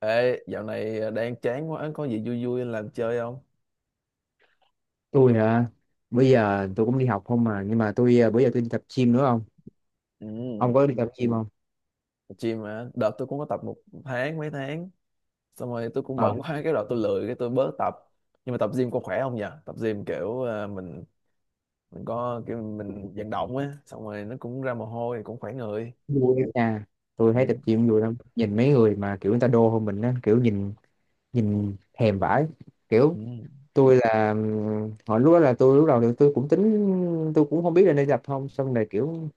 Ê, dạo này đang chán quá, có gì vui vui làm chơi không? Tôi hả? Bây giờ tôi cũng đi học không mà nhưng mà tôi, bữa giờ tôi đi tập gym nữa không. Ừ, Ông có đi tập gym không? gym mà, đợt tôi cũng có tập một tháng, mấy tháng. Xong rồi tôi cũng Ờ, bận quá, cái đợt tôi lười, cái tôi bớt tập. Nhưng mà tập gym có khỏe không nhỉ? Tập gym kiểu mình có kiểu mình vận động á. Xong rồi nó cũng ra mồ hôi, cũng khỏe người. Vui lắm nha. Tôi thấy tập ừ, gym vui lắm, nhìn mấy người mà kiểu người ta đô hơn mình á, kiểu nhìn nhìn thèm vãi kiểu. ừ, Tôi là hồi lúc đó là tôi, lúc đầu thì tôi cũng tính, tôi cũng không biết là nên tập không, xong rồi kiểu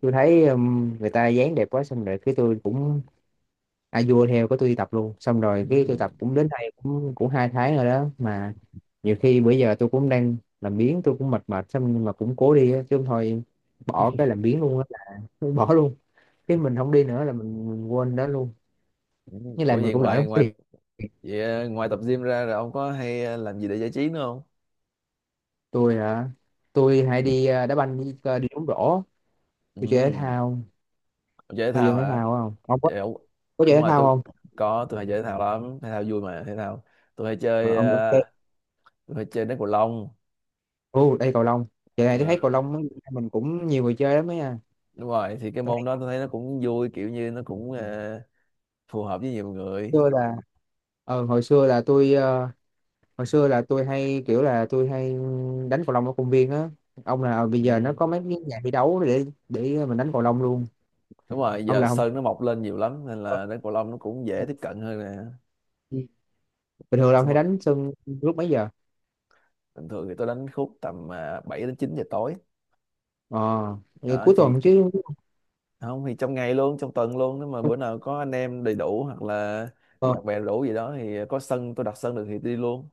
tôi thấy người ta dáng đẹp quá, xong rồi cái tôi cũng à vua theo có tôi đi tập luôn, xong ừ, rồi cái tôi tập cũng đến đây cũng cũng hai tháng rồi đó mà. Nhiều khi bữa giờ tôi cũng đang làm biếng, tôi cũng mệt mệt xong nhưng mà cũng cố đi á, chứ không thôi bỏ cái làm biếng luôn á. Bỏ luôn, cái mình không đi nữa là mình quên đó luôn. ừ. Với lại Ủa mình gì cũng lỡ ngoài đóng ngoài tiền. vậy, ngoài tập gym ra rồi ông có hay làm gì để giải trí nữa không? Tôi hả? Tôi hay đi đá banh, đi, đi bóng rổ. Tôi chơi thể Ừ, thao. ông chơi thể Tôi chơi thao thể hả? thao không, ông có, Kiểu, có chơi đúng thể rồi thao tôi không? có, tôi hay chơi thể thao lắm, thể thao vui mà. Thể thao tôi hay Ờ, chơi ông ông chơi. Tôi hay chơi đá cầu lông. Ô đây cầu lông. Giờ này tôi Ờ, thấy cầu lông á, mình cũng nhiều người chơi lắm ấy nha. đúng rồi thì cái Tôi thấy môn đó tôi thấy nó cũng vui, kiểu như nó cũng phù hợp với nhiều người. xưa là, hồi xưa là tôi, hồi xưa là tôi hay kiểu là tôi hay đánh cầu lông ở công viên á. Ông là bây giờ nó Ừ, có mấy cái nhà thi đấu để mình đánh cầu lông luôn. đúng rồi Ông giờ là không, sân nó mọc lên nhiều lắm nên là đá cầu lông nó cũng dễ tiếp cận hơn nè. bình thường là ông Xong hay rồi, đánh sân lúc mấy giờ? bình thường thì tôi đánh khúc tầm 7 đến 9 giờ tối. Ờ thì Đó cuối thì tuần chứ. không thì trong ngày luôn, trong tuần luôn, nếu mà bữa nào có anh em đầy đủ hoặc là ờ, bạn bè đủ gì đó thì có sân, tôi đặt sân được thì đi luôn.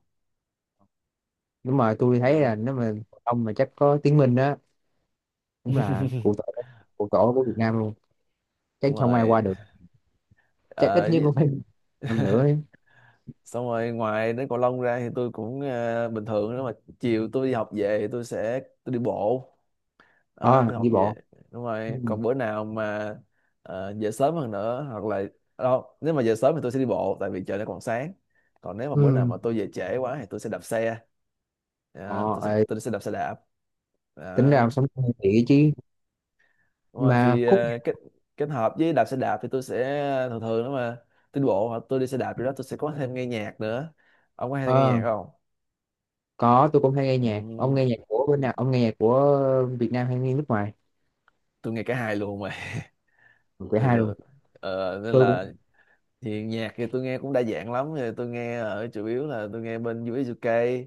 nhưng mà tôi thấy là nếu mà cầu lông mà chắc có Tiến Minh á, cũng là cụ tổ, cụ tổ của Việt Nam luôn. Chắc Đúng không ai rồi. qua được. Chắc ít Ờ, nhất cũng phải năm nữa ấy. xong rồi ngoài đến cầu lông ra thì tôi cũng bình thường nếu mà chiều tôi đi học về thì tôi sẽ đi bộ. Đó, Ờ tôi học Đi về bộ. đúng Ừ. rồi. Còn bữa nào mà về sớm hơn nữa hoặc là đâu, nếu mà về sớm thì tôi sẽ đi bộ tại vì trời nó còn sáng. Còn nếu mà bữa nào Ừ. mà tôi về trễ quá thì tôi sẽ đạp xe. ờ Đó, tôi sẽ Ê, tôi sẽ đạp xe đạp. Đó. tính ra ông sống thì chứ Đúng rồi mà thì khúc... kết kết hợp với đạp xe đạp thì tôi sẽ thường thường nếu mà tiến bộ hoặc tôi đi xe đạp gì đó tôi sẽ có thêm nghe nhạc nữa. Ông có hay nghe nhạc ờ không? Có, tôi cũng hay nghe nhạc. Ông nghe Ừm, nhạc của bên nào? Ông nghe nhạc của Việt Nam hay nghe nước ngoài? tôi nghe cả hai luôn mà. Của thì hai luôn. ờ, nên Tôi cũng... là thì nhạc thì tôi nghe cũng đa dạng lắm. Thì tôi nghe ở chủ yếu là tôi nghe bên US UK,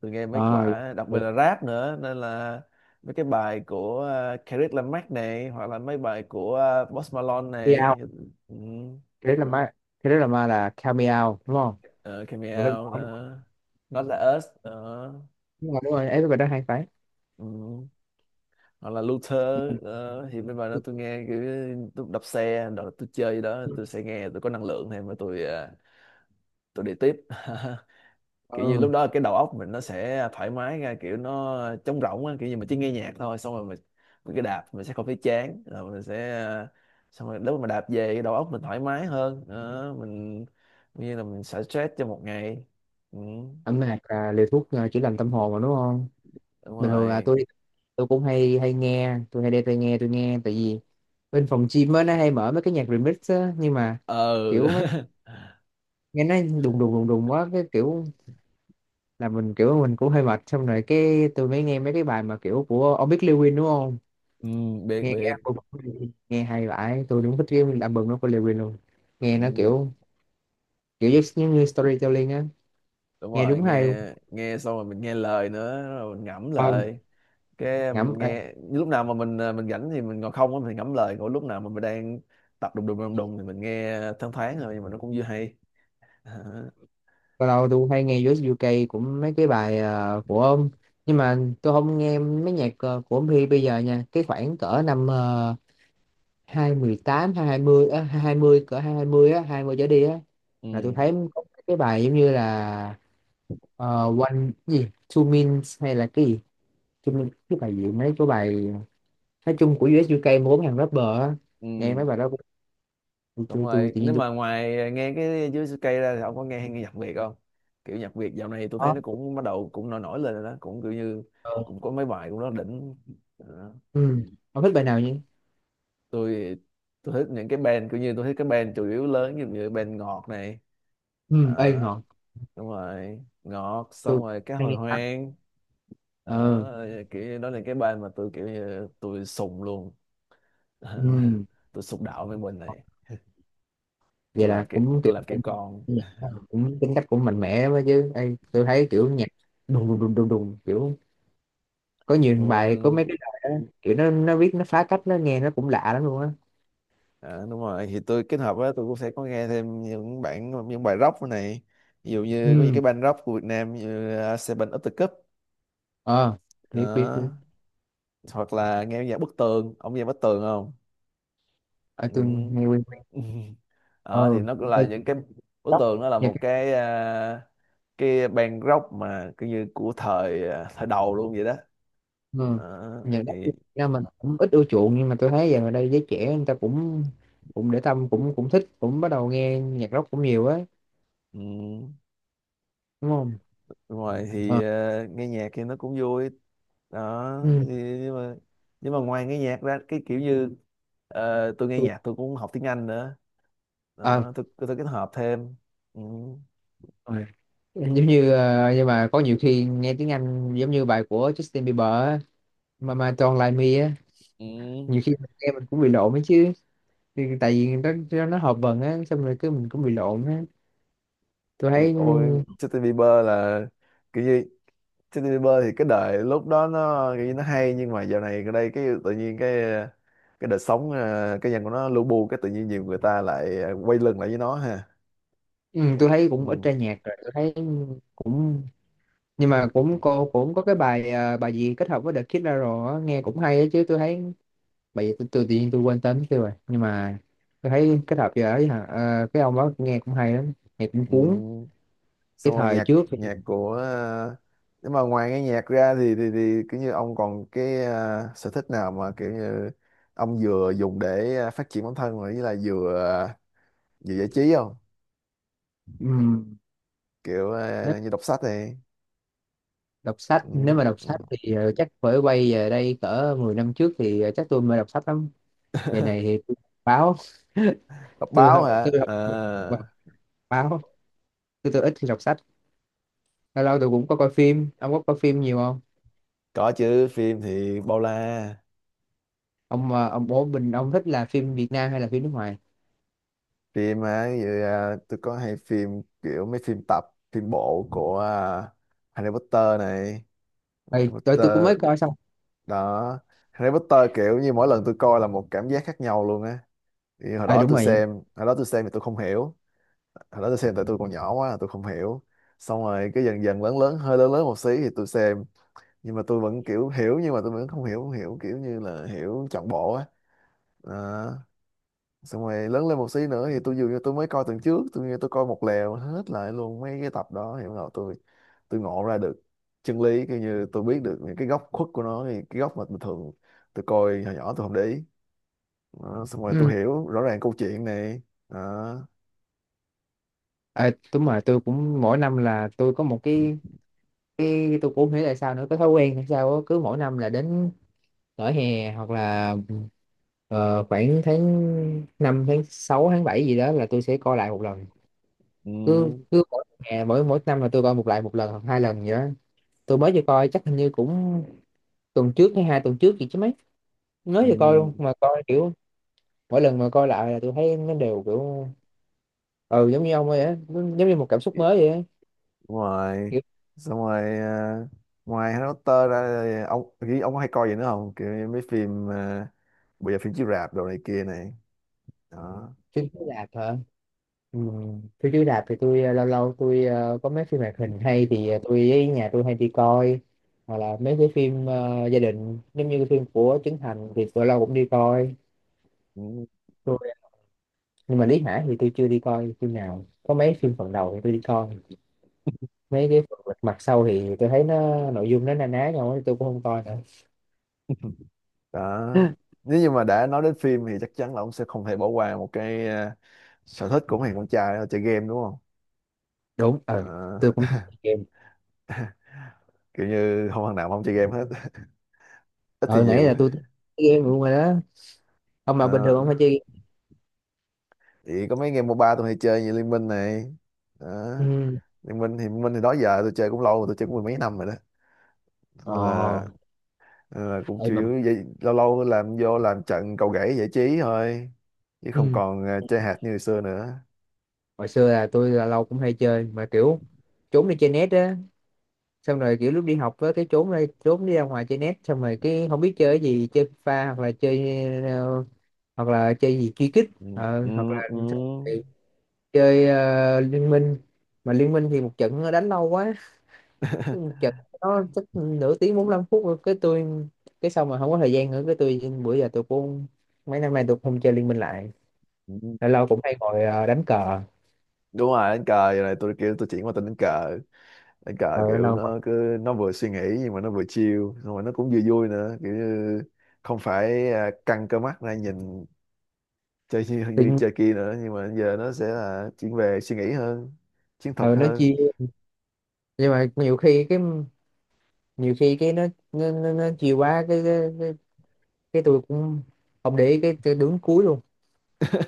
tôi nghe mấy ờ quả đặc biệt là rap nữa, nên là mấy cái bài của Kendrick Lamar này hoặc là mấy bài của Post Malone này. Meow, Ừ, cái đó là ma, cái đó là ma là Count đúng không? Came Người đó Out, Cameo đó. Not Like Us đó. Đúng rồi, ấy bài đó hay phải. Ừ, hoặc là Luther. Đó thì bên bài đó tôi nghe kiểu tôi đạp xe đó, tôi chơi gì đó tôi sẽ nghe, tôi có năng lượng thêm mà tôi tôi đi tiếp. Kiểu như Ừ, lúc đó cái đầu óc mình nó sẽ thoải mái ra, kiểu nó trống rỗng á, kiểu như mình chỉ nghe nhạc thôi xong rồi mình cứ đạp mình sẽ không thấy chán rồi mình sẽ xong rồi lúc mà đạp về cái đầu óc mình thoải mái hơn đó, mình như là mình xả stress cho một ngày. Ừ, âm nhạc là liều thuốc chữa lành tâm hồn mà đúng không? đúng Bình thường là rồi. tôi cũng hay hay nghe, tôi hay đem tai nghe tôi nghe, tại vì bên phòng gym á nó hay mở mấy cái nhạc remix á, nhưng mà kiểu mấy, Ờ. nghe nó đùng đùng đùng đùng quá, cái kiểu là mình kiểu mình cũng hơi mệt, xong rồi cái tôi mới nghe mấy cái bài mà kiểu của, ông biết Lil Wayne đúng không? Ừ, biết Nghe cái biết. album của Lil Wayne, nghe hay vãi tôi, đúng thích cái album nó của Lil Wayne luôn. Nghe nó Ừ, kiểu kiểu giống như storytelling á, đúng nghe rồi, đúng hay luôn. nghe nghe xong rồi mình nghe lời nữa rồi mình ngẫm ờ lời. Cái mình nhẩm ờ, nghe lúc nào mà mình mình rảnh thì mình ngồi không á, mình ngẫm lời. Còn lúc nào mà mình đang tập đùng đùng đùng đùng thì mình nghe thoáng thoáng thôi nhưng mà nó cũng vừa hay. Hả? Lâu lâu tôi hay nghe US UK cũng mấy cái bài của ông, nhưng mà tôi không nghe mấy nhạc của ông Huy bây giờ nha, cái khoảng cỡ năm 2018 20 á, hai hai mươi, cỡ hai hai mươi, á 20 trở đi á Ừ. là tôi thấy có cái bài giống như là Ờ, one gì two means hay là cái gì two means, cái bài gì mấy cái bài nói chung của US UK mà bốn hàng rapper á, nghe Ừ, mấy bài đó tôi, tôi, đúng tôi rồi, tự nếu nhiên tôi mà ngoài nghe cái dưới cây ra thì ông có nghe, hay nghe nhạc Việt không? Kiểu nhạc Việt dạo này tôi thấy có nó cũng bắt đầu cũng nổi nổi lên rồi đó, cũng kiểu như ờ. cũng có mấy bài cũng rất đỉnh. À. Ừ. Ông thích bài nào nhỉ? tôi tôi thích những cái band, kiểu như tôi thích cái band chủ yếu lớn như như band ngọt này. Ừ. Ê Đó, ngọt, đúng rồi ngọt tôi xong rồi cái hay hồi nghe ta. hoang. ờ Đó, kiểu như đó là cái band mà tôi kiểu như tôi sùng luôn. ừ. Tôi sùng đạo với mình này. Vậy Tôi làm là kiểu cũng kiểu, tôi làm kiểu con. cũng tính cách cũng mạnh mẽ lắm đó chứ, ê tôi thấy kiểu nhạc đùng đùng đùng đùng đùng, kiểu có nhiều bài, có mấy Ôi, cái bài đó, kiểu nó viết nó phá cách, nó nghe nó cũng lạ lắm luôn á. Đúng rồi thì tôi kết hợp với tôi cũng sẽ có nghe thêm những bản, những bài rock này. Ví dụ như có những cái Ừ. band rock của Việt Nam như Seven Up The Cup ờ Biết biết biết. đó, hoặc là nghe nhạc Bức Tường. Ông nghe Bức Tường không? Ở Ừ. tôi nghe. Ờ, thì Ừ nó cũng cái là cây, những cái bức đất tường. Nó là nhà một cái. cái cái ban góc mà cứ như của thời thời đầu luôn vậy đó. Ừ. Ờ, Nhà đất Việt thì Nam mình cũng ít ưa chuộng, nhưng mà tôi thấy giờ ở đây giới trẻ người ta cũng cũng để tâm, cũng cũng thích, cũng bắt đầu nghe nhạc rock cũng nhiều ấy, ừ, đúng không? đúng rồi ờ thì nghe nhạc thì nó cũng vui đó ừ. thì, nhưng mà nhưng mà ngoài nghe nhạc ra cái kiểu như tôi nghe Tôi nhạc tôi cũng học tiếng Anh nữa. à, Đó tôi kết hợp thêm. Ừ. ờ rồi. Giống như nhưng mà có nhiều khi nghe tiếng Anh giống như bài của Justin Bieber á, mà Don't Like Me á, Ừ. nhiều khi mình nghe mình cũng bị lộn ấy chứ, thì tại vì nó nó hợp vần á, xong rồi cứ mình cũng bị lộn á tôi thấy. ôi Justin Bieber là kiểu như Justin Bieber thì cái đời lúc đó nó kiểu như nó hay nhưng mà dạo này ở đây cái tự nhiên cái đời sống cái nhân của nó lu bu cái tự nhiên nhiều người ta lại quay lưng lại với nó ha. Ừ, tôi thấy cũng ít Ừ. ra nhạc rồi, tôi thấy cũng, nhưng mà cũng cô cũng có cái bài bài gì kết hợp với The Kid Laroi á, nghe cũng hay á chứ tôi thấy. Bài gì tôi tự nhiên tôi quên tên tiêu rồi, nhưng mà tôi thấy kết hợp giờ ấy hả, cái ông đó nghe cũng hay lắm, nghe cũng Ừ. cuốn. Cái Xong rồi thời nhạc, trước thì... nhạc của nhưng mà ngoài nghe nhạc ra thì kiểu như ông còn cái sở thích nào mà kiểu như ông vừa dùng để phát triển bản thân rồi với lại vừa vừa giải trí không? ừm, Kiểu Nếu như đọc sách này. đọc sách, nếu Ừ. mà đọc Ừ. sách thì chắc phải quay về đây cỡ 10 năm trước thì chắc tôi mới đọc sách lắm. Giờ này thì tôi đọc báo. Đọc tôi báo hả? tôi đọc Ờ, báo, tôi ít khi đọc sách. Lâu lâu tôi cũng có coi phim, ông có coi phim nhiều không? có chứ, phim thì bao la. Ông ông bố mình ông thích là phim Việt Nam hay là phim nước ngoài? Phim á, ví dụ, tôi có hay phim kiểu mấy phim tập, phim bộ của Harry Potter này. Ê, Harry tôi cũng Potter mới coi xong. đó. Harry Potter kiểu như mỗi lần tôi coi là một cảm giác khác nhau luôn á. Thì hồi À đó đúng tôi rồi. xem, hồi đó tôi xem thì tôi không hiểu, hồi đó tôi xem tại tôi còn nhỏ quá tôi không hiểu. Xong rồi cái dần dần lớn lớn, hơi lớn lớn một xí thì tôi xem nhưng mà tôi vẫn kiểu hiểu nhưng mà tôi vẫn không hiểu, kiểu như là hiểu trọn bộ á. Đó. Xong rồi lớn lên một xí nữa thì tôi dường như tôi mới coi tuần trước, tôi như tôi coi một lèo hết lại luôn mấy cái tập đó thì bắt tôi ngộ ra được chân lý, kiểu như tôi biết được những cái góc khuất của nó, thì cái góc mà bình thường tôi coi hồi nhỏ tôi không để ý. Đó, xong rồi tôi Ừ. hiểu rõ ràng câu chuyện này đó. À, đúng rồi, tôi cũng mỗi năm là tôi có một cái tôi cũng không hiểu tại sao nữa, cái thói quen hay sao á, cứ mỗi năm là đến nửa hè hoặc là khoảng tháng 5 tháng 6 tháng 7 gì đó là tôi sẽ coi lại một lần. Ừ, Cứ cứ mỗi hè mỗi mỗi năm là tôi coi một lại một lần hoặc hai lần gì đó. Tôi mới vừa coi chắc hình như cũng tuần trước hay hai tuần trước gì chứ mấy, mới vừa coi ừ. luôn mà coi kiểu mỗi lần mà coi lại là tôi thấy nó đều kiểu ừ giống như ông ấy á, giống như một cảm xúc mới Đúng rồi, kiểu. xong rồi ngoài Harry Potter ra thì ông nghĩ ông có hay coi gì nữa không, kiểu như mấy phim bây giờ phim chiếu rạp đồ này kia này đó. Phim chiếu rạp hả? Ừ. Phim chiếu rạp thì tôi lâu lâu tôi có mấy phim hoạt hình hay thì tôi với nhà tôi hay đi coi, hoặc là mấy cái phim gia đình, giống như cái phim của Trấn Thành thì tôi lâu cũng đi coi. Ừ. Tôi, nhưng mà Lý Hải thì tôi chưa đi coi phim nào, có mấy phim phần đầu thì tôi đi coi. Mấy cái phần mặt sau thì tôi thấy nó nội dung nó na ná nhau ấy, tôi cũng không coi nữa. Đó, nếu như mà đã nói đến phim thì chắc chắn là ông sẽ không thể bỏ qua một cái sở thích của mấy thằng con trai, đó là chơi game đúng không? Đúng, Ờ, tôi cũng thích chơi game. kiểu như không thằng nào mà không chơi game hết. Ít thì Ờ Nãy nhiều là tôi thích chơi game luôn rồi đó. Ông mà bình thường đó. ông hay chơi game. Thì có mấy game MOBA tôi hay chơi như Liên Minh này đó. Ừ. Liên Minh thì đó giờ tôi chơi cũng lâu rồi, tôi chơi cũng mười mấy năm rồi đó, ờ nên là, nên là cũng Đây chủ mà. yếu vậy, lâu lâu làm vô làm trận cầu gãy giải trí thôi chứ không Ừ. còn chơi hạt như hồi xưa nữa. Hồi xưa là tôi là lâu cũng hay chơi mà kiểu trốn đi chơi net á, xong rồi kiểu lúc đi học á cái trốn đi ra ngoài chơi net, xong rồi cái không biết chơi cái gì, chơi pha, hoặc là chơi hoặc là chơi gì truy kích, Ừ, ừ, hoặc là... xong rồi chơi liên minh. Mà liên minh thì một trận nó đánh lâu quá, một trận nó chắc nửa tiếng bốn lăm phút rồi. Cái tôi, cái xong mà không có thời gian nữa, cái tôi bữa giờ tôi cũng mấy năm nay tôi cũng không chơi liên minh lại. ừ. Lâu lâu cũng hay ngồi đánh cờ. Đúng rồi, đánh cờ giờ này tôi kiểu tôi chuyển qua tên đánh cờ. Đánh cờ Ờ Lâu kiểu lâu ngồi nó cứ nó vừa suy nghĩ nhưng mà nó vừa chill xong rồi nó cũng vừa vui nữa, kiểu như không phải căng cơ mắt ra nhìn chơi như, tự như nhiên- chơi kia nữa, nhưng mà giờ nó sẽ là chuyển về suy nghĩ hơn, chiến thuật ờ, nó chia, hơn. nhưng mà nhiều khi cái, nhiều khi cái nó nó chiều quá, cái cái tôi cũng không để ý, cái đứng cuối luôn.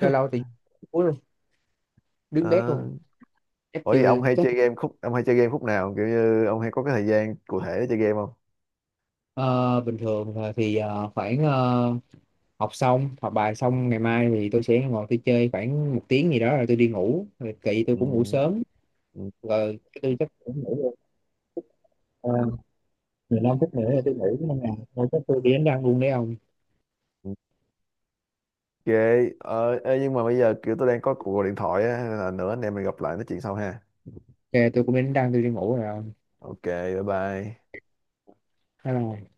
Lâu lâu thì đứng cuối luôn, đứng bét Ờ. luôn. Chắc Ủa vậy chưa ông hay chắc. chơi game khúc, ông hay chơi game khúc nào, kiểu như ông hay có cái thời gian cụ thể để chơi game không? Ờ, bình thường là thì khoảng học xong, học bài xong ngày mai thì tôi sẽ ngồi tôi chơi khoảng một tiếng gì đó rồi tôi đi ngủ, rồi kỵ tôi cũng ngủ Ừ. sớm, Ừ, rồi tôi chắc cũng ngủ luôn. Ờ, 15 phút nữa là tôi ngủ nên là thôi chắc tôi đi đánh răng luôn đấy ông. ừ. Ok, ê, nhưng mà bây giờ kiểu tôi đang có cuộc gọi điện thoại á, nên là nữa anh em mình gặp lại nói chuyện sau ha. Ok tôi cũng đi đánh răng tôi đi ngủ rồi ông. Ok, bye bye. Bye.